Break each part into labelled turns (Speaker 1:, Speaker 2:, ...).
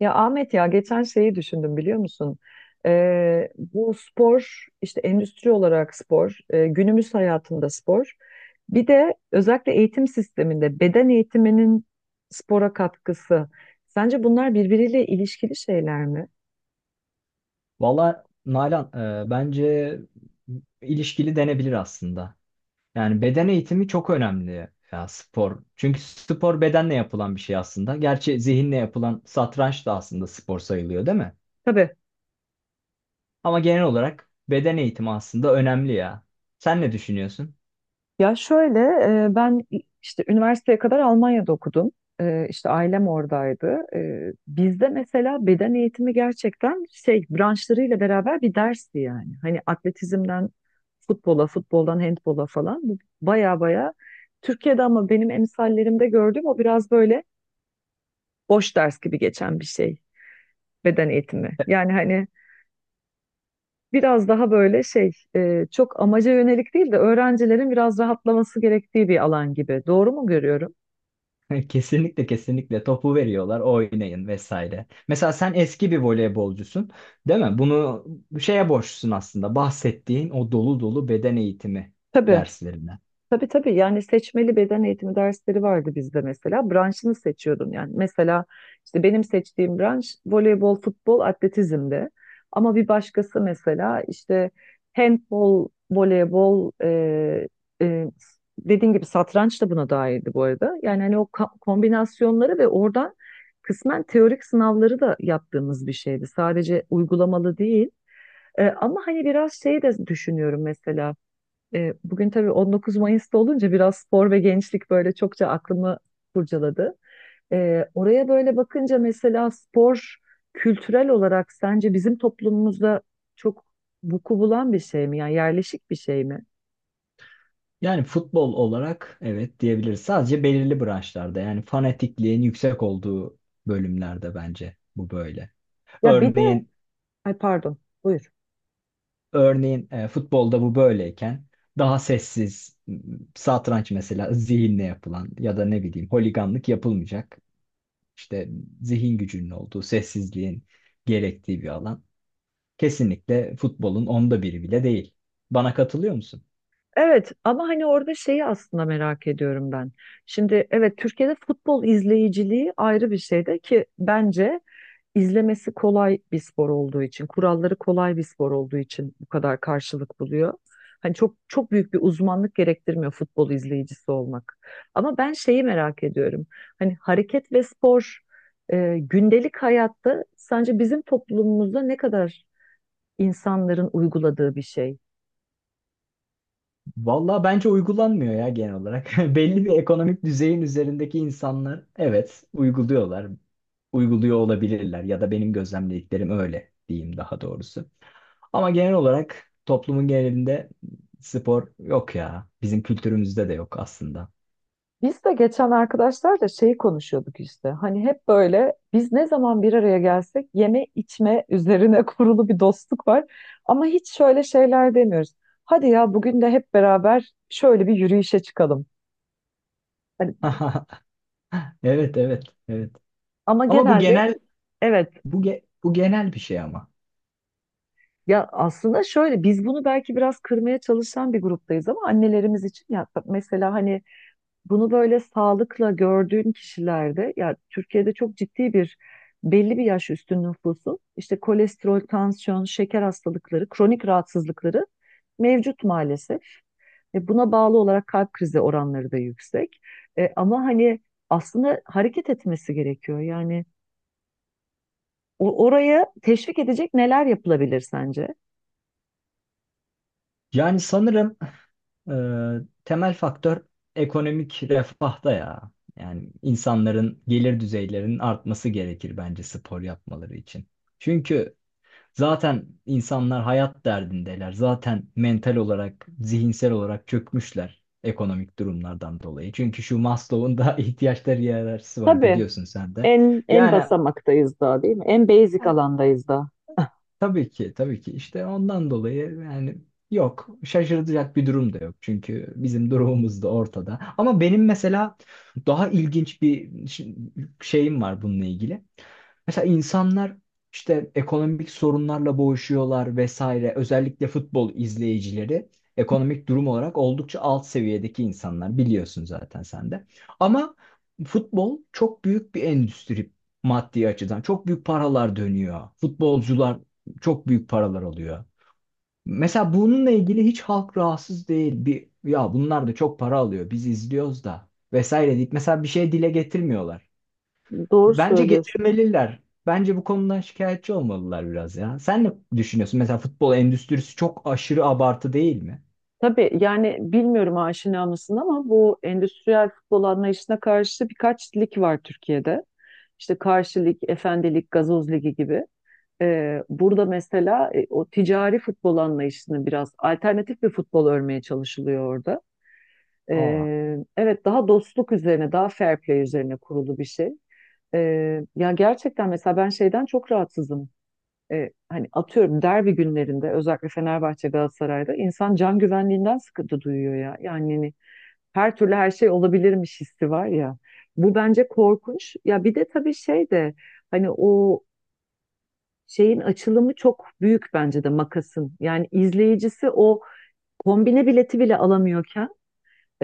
Speaker 1: Ya Ahmet ya geçen şeyi düşündüm biliyor musun? Bu spor işte endüstri olarak spor, günümüz hayatında spor. Bir de özellikle eğitim sisteminde beden eğitiminin spora katkısı. Sence bunlar birbiriyle ilişkili şeyler mi?
Speaker 2: Valla Nalan bence ilişkili denebilir aslında. Yani beden eğitimi çok önemli ya spor. Çünkü spor bedenle yapılan bir şey aslında. Gerçi zihinle yapılan satranç da aslında spor sayılıyor değil mi?
Speaker 1: Tabii.
Speaker 2: Ama genel olarak beden eğitimi aslında önemli ya. Sen ne düşünüyorsun?
Speaker 1: Ya şöyle, ben işte üniversiteye kadar Almanya'da okudum. E, işte ailem oradaydı. E, bizde mesela beden eğitimi gerçekten şey branşlarıyla beraber bir dersti yani. Hani atletizmden futbola, futboldan handbola falan bu baya baya Türkiye'de, ama benim emsallerimde gördüğüm o biraz böyle boş ders gibi geçen bir şey beden eğitimi. Yani hani biraz daha böyle şey, çok amaca yönelik değil de öğrencilerin biraz rahatlaması gerektiği bir alan gibi. Doğru mu görüyorum?
Speaker 2: Kesinlikle kesinlikle topu veriyorlar oynayın vesaire. Mesela sen eski bir voleybolcusun değil mi? Bunu şeye borçlusun aslında bahsettiğin o dolu dolu beden eğitimi
Speaker 1: Tabii.
Speaker 2: derslerine.
Speaker 1: Tabii tabii, yani seçmeli beden eğitimi dersleri vardı bizde mesela. Branşını seçiyordun yani. Mesela işte benim seçtiğim branş voleybol, futbol, atletizmdi. Ama bir başkası mesela işte handbol, voleybol, e, dediğin gibi satranç da buna dahildi bu arada. Yani hani o kombinasyonları ve oradan kısmen teorik sınavları da yaptığımız bir şeydi. Sadece uygulamalı değil. E, ama hani biraz şey de düşünüyorum mesela. E, bugün tabii 19 Mayıs'ta olunca biraz spor ve gençlik böyle çokça aklımı kurcaladı. E, oraya böyle bakınca mesela spor, kültürel olarak sence bizim toplumumuzda çok vuku bulan bir şey mi? Yani yerleşik bir şey mi?
Speaker 2: Yani futbol olarak evet diyebiliriz. Sadece belirli branşlarda yani fanatikliğin yüksek olduğu bölümlerde bence bu böyle.
Speaker 1: Ya bir de,
Speaker 2: Örneğin
Speaker 1: ay pardon, buyur.
Speaker 2: futbolda bu böyleyken daha sessiz satranç mesela zihinle yapılan ya da ne bileyim holiganlık yapılmayacak. İşte zihin gücünün olduğu, sessizliğin gerektiği bir alan. Kesinlikle futbolun onda biri bile değil. Bana katılıyor musun?
Speaker 1: Evet, ama hani orada şeyi aslında merak ediyorum ben. Şimdi evet, Türkiye'de futbol izleyiciliği ayrı bir şeyde, ki bence izlemesi kolay bir spor olduğu için, kuralları kolay bir spor olduğu için bu kadar karşılık buluyor. Hani çok çok büyük bir uzmanlık gerektirmiyor futbol izleyicisi olmak. Ama ben şeyi merak ediyorum. Hani hareket ve spor, gündelik hayatta sence bizim toplumumuzda ne kadar insanların uyguladığı bir şey?
Speaker 2: Vallahi bence uygulanmıyor ya genel olarak. Belli bir ekonomik düzeyin üzerindeki insanlar evet uyguluyorlar. Uyguluyor olabilirler ya da benim gözlemlediklerim öyle diyeyim daha doğrusu. Ama genel olarak toplumun genelinde spor yok ya. Bizim kültürümüzde de yok aslında.
Speaker 1: Biz de geçen arkadaşlarla şeyi konuşuyorduk işte. Hani hep böyle biz ne zaman bir araya gelsek yeme içme üzerine kurulu bir dostluk var. Ama hiç şöyle şeyler demiyoruz. Hadi ya bugün de hep beraber şöyle bir yürüyüşe çıkalım. Hani,
Speaker 2: Evet, evet, evet.
Speaker 1: ama
Speaker 2: Ama bu
Speaker 1: genelde,
Speaker 2: genel,
Speaker 1: evet,
Speaker 2: bu genel bir şey ama.
Speaker 1: ya aslında şöyle biz bunu belki biraz kırmaya çalışan bir gruptayız, ama annelerimiz için ya mesela hani, bunu böyle sağlıkla gördüğün kişilerde ya Türkiye'de çok ciddi bir belli bir yaş üstü nüfusun işte kolesterol, tansiyon, şeker hastalıkları, kronik rahatsızlıkları mevcut maalesef. E, buna bağlı olarak kalp krizi oranları da yüksek. E, ama hani aslında hareket etmesi gerekiyor. Yani oraya teşvik edecek neler yapılabilir sence?
Speaker 2: Yani sanırım Ee, temel faktör ekonomik refahta ya. Yani insanların gelir düzeylerinin artması gerekir bence spor yapmaları için. Çünkü zaten insanlar hayat derdindeler. Zaten mental olarak, zihinsel olarak çökmüşler ekonomik durumlardan dolayı. Çünkü şu Maslow'un da ihtiyaçları hiyerarşisi var
Speaker 1: Tabii,
Speaker 2: biliyorsun sen de.
Speaker 1: en en
Speaker 2: Yani
Speaker 1: basamaktayız daha değil mi? En basic alandayız daha.
Speaker 2: tabii ki, tabii ki. İşte ondan dolayı yani yok, şaşırtacak bir durum da yok. Çünkü bizim durumumuz da ortada. Ama benim mesela daha ilginç şeyim var bununla ilgili. Mesela insanlar işte ekonomik sorunlarla boğuşuyorlar vesaire. Özellikle futbol izleyicileri ekonomik durum olarak oldukça alt seviyedeki insanlar. Biliyorsun zaten sen de. Ama futbol çok büyük bir endüstri maddi açıdan. Çok büyük paralar dönüyor. Futbolcular çok büyük paralar alıyor. Mesela bununla ilgili hiç halk rahatsız değil. Bir, ya bunlar da çok para alıyor. Biz izliyoruz da vesaire deyip mesela bir şey dile getirmiyorlar.
Speaker 1: Doğru
Speaker 2: Bence
Speaker 1: söylüyorsun.
Speaker 2: getirmeliler. Bence bu konudan şikayetçi olmalılar biraz ya. Sen ne düşünüyorsun? Mesela futbol endüstrisi çok aşırı abartı değil mi?
Speaker 1: Tabii yani, bilmiyorum aşina mısın, ama bu endüstriyel futbol anlayışına karşı birkaç lig var Türkiye'de. İşte Karşı Lig, Efendi Lig, Gazoz Ligi gibi. Burada mesela e, o ticari futbol anlayışını biraz alternatif bir futbol örmeye çalışılıyor orada.
Speaker 2: Aa,
Speaker 1: Evet, daha dostluk üzerine, daha fair play üzerine kurulu bir şey. Ya gerçekten mesela ben şeyden çok rahatsızım. E, hani atıyorum, derbi günlerinde özellikle Fenerbahçe Galatasaray'da insan can güvenliğinden sıkıntı duyuyor ya. Yani hani her türlü her şey olabilirmiş hissi var ya. Bu bence korkunç. Ya bir de tabii şey de, hani o şeyin açılımı çok büyük bence de makasın. Yani izleyicisi o kombine bileti bile alamıyorken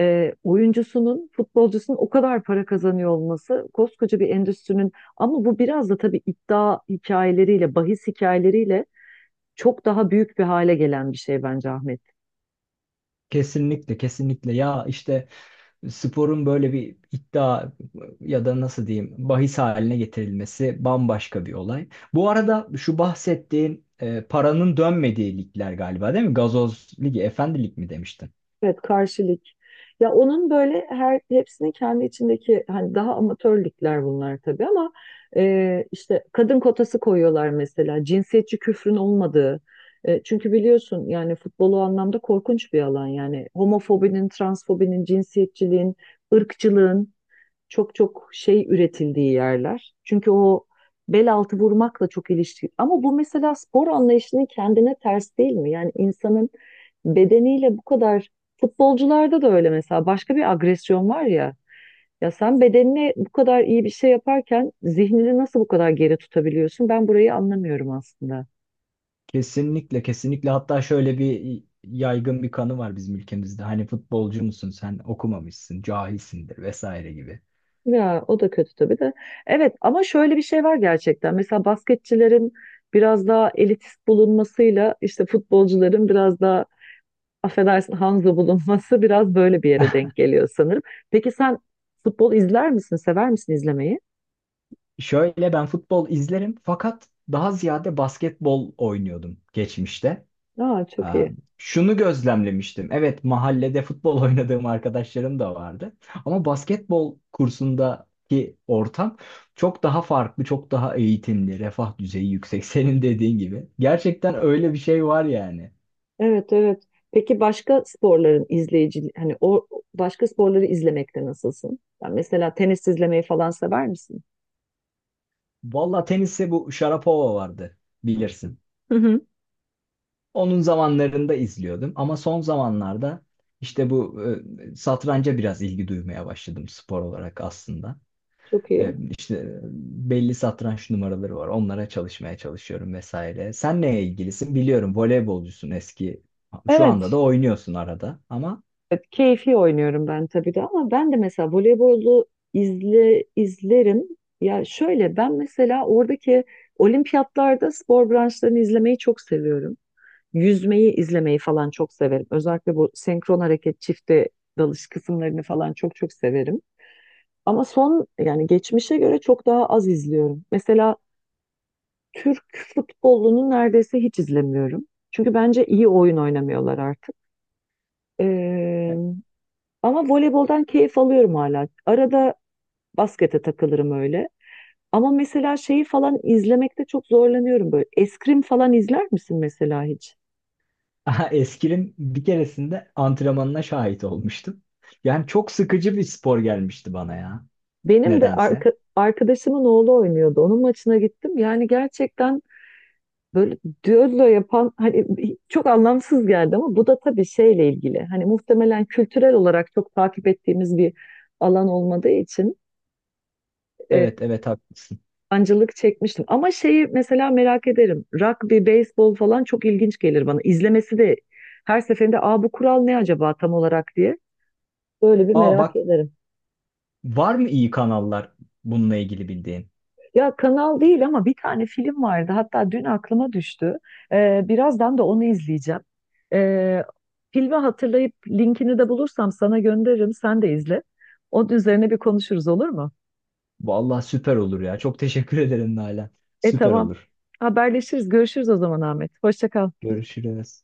Speaker 1: e, oyuncusunun, futbolcusunun o kadar para kazanıyor olması koskoca bir endüstrinin, ama bu biraz da tabii iddia hikayeleriyle, bahis hikayeleriyle çok daha büyük bir hale gelen bir şey bence Ahmet.
Speaker 2: kesinlikle kesinlikle ya işte sporun böyle bir iddia ya da nasıl diyeyim bahis haline getirilmesi bambaşka bir olay. Bu arada şu bahsettiğin paranın dönmediği ligler galiba değil mi? Gazoz Ligi, Efendi Lig mi demiştin?
Speaker 1: Evet, karşılık. Ya onun böyle her hepsinin kendi içindeki hani daha amatör bunlar tabii, ama e, işte kadın kotası koyuyorlar mesela, cinsiyetçi küfrün olmadığı. E, çünkü biliyorsun yani futbol o anlamda korkunç bir alan yani. Homofobinin, transfobinin, cinsiyetçiliğin, ırkçılığın çok çok şey üretildiği yerler. Çünkü o bel altı vurmakla çok ilişkili. Ama bu mesela spor anlayışının kendine ters değil mi? Yani insanın bedeniyle bu kadar, futbolcularda da öyle mesela, başka bir agresyon var ya. Ya sen bedenine bu kadar iyi bir şey yaparken zihnini nasıl bu kadar geri tutabiliyorsun? Ben burayı anlamıyorum aslında.
Speaker 2: Kesinlikle kesinlikle, hatta şöyle bir yaygın bir kanı var bizim ülkemizde. Hani futbolcu musun sen, okumamışsın, cahilsindir vesaire gibi.
Speaker 1: Ya o da kötü tabii de. Evet, ama şöyle bir şey var gerçekten. Mesela basketçilerin biraz daha elitist bulunmasıyla işte futbolcuların biraz daha, affedersin, Hanzo bulunması biraz böyle bir yere denk geliyor sanırım. Peki sen futbol izler misin? Sever misin izlemeyi?
Speaker 2: Şöyle ben futbol izlerim fakat daha ziyade basketbol oynuyordum geçmişte.
Speaker 1: Aa, çok
Speaker 2: Aa,
Speaker 1: iyi.
Speaker 2: şunu gözlemlemiştim. Evet, mahallede futbol oynadığım arkadaşlarım da vardı. Ama basketbol kursundaki ortam çok daha farklı, çok daha eğitimli, refah düzeyi yüksek. Senin dediğin gibi. Gerçekten öyle bir şey var yani.
Speaker 1: Evet, evet. Peki başka sporların izleyici, hani o başka sporları izlemekte nasılsın? Yani mesela tenis izlemeyi falan sever misin?
Speaker 2: Valla teniste bu Sharapova vardı, bilirsin.
Speaker 1: Hı hı.
Speaker 2: Onun zamanlarında izliyordum ama son zamanlarda işte satranca biraz ilgi duymaya başladım spor olarak aslında.
Speaker 1: Çok iyi.
Speaker 2: İşte belli satranç numaraları var. Onlara çalışmaya çalışıyorum vesaire. Sen neye ilgilisin? Biliyorum voleybolcusun eski. Şu anda da
Speaker 1: Evet.
Speaker 2: oynuyorsun arada ama
Speaker 1: Evet, keyfi oynuyorum ben tabii de, ama ben de mesela voleybolu izlerim. Ya şöyle ben mesela oradaki olimpiyatlarda spor branşlarını izlemeyi çok seviyorum. Yüzmeyi izlemeyi falan çok severim. Özellikle bu senkron hareket, çifte dalış kısımlarını falan çok çok severim. Ama son yani geçmişe göre çok daha az izliyorum. Mesela Türk futbolunu neredeyse hiç izlemiyorum. Çünkü bence iyi oyun oynamıyorlar artık. Ee, ama voleyboldan keyif alıyorum hala. Arada baskete takılırım öyle. Ama mesela şeyi falan izlemekte çok zorlanıyorum böyle. Eskrim falan izler misin mesela hiç?
Speaker 2: eskrim bir keresinde antrenmanına şahit olmuştum. Yani çok sıkıcı bir spor gelmişti bana ya.
Speaker 1: Benim de
Speaker 2: Nedense.
Speaker 1: arkadaşımın oğlu oynuyordu. Onun maçına gittim. Yani gerçekten böyle düello yapan hani, çok anlamsız geldi, ama bu da tabii şeyle ilgili. Hani muhtemelen kültürel olarak çok takip ettiğimiz bir alan olmadığı için e,
Speaker 2: Evet, evet, haklısın.
Speaker 1: sancılık çekmiştim. Ama şeyi mesela merak ederim. Rugby, beyzbol falan çok ilginç gelir bana. İzlemesi de her seferinde, aa, bu kural ne acaba tam olarak diye böyle bir
Speaker 2: Aa
Speaker 1: merak
Speaker 2: bak,
Speaker 1: ederim.
Speaker 2: var mı iyi kanallar bununla ilgili bildiğin?
Speaker 1: Ya kanal değil ama bir tane film vardı. Hatta dün aklıma düştü. Birazdan da onu izleyeceğim. Ee, filmi hatırlayıp linkini de bulursam sana gönderirim. Sen de izle. Onun üzerine bir konuşuruz, olur mu?
Speaker 2: Vallahi süper olur ya. Çok teşekkür ederim Nalan.
Speaker 1: E
Speaker 2: Süper
Speaker 1: tamam.
Speaker 2: olur.
Speaker 1: Haberleşiriz. Görüşürüz o zaman Ahmet. Hoşça kal.
Speaker 2: Görüşürüz.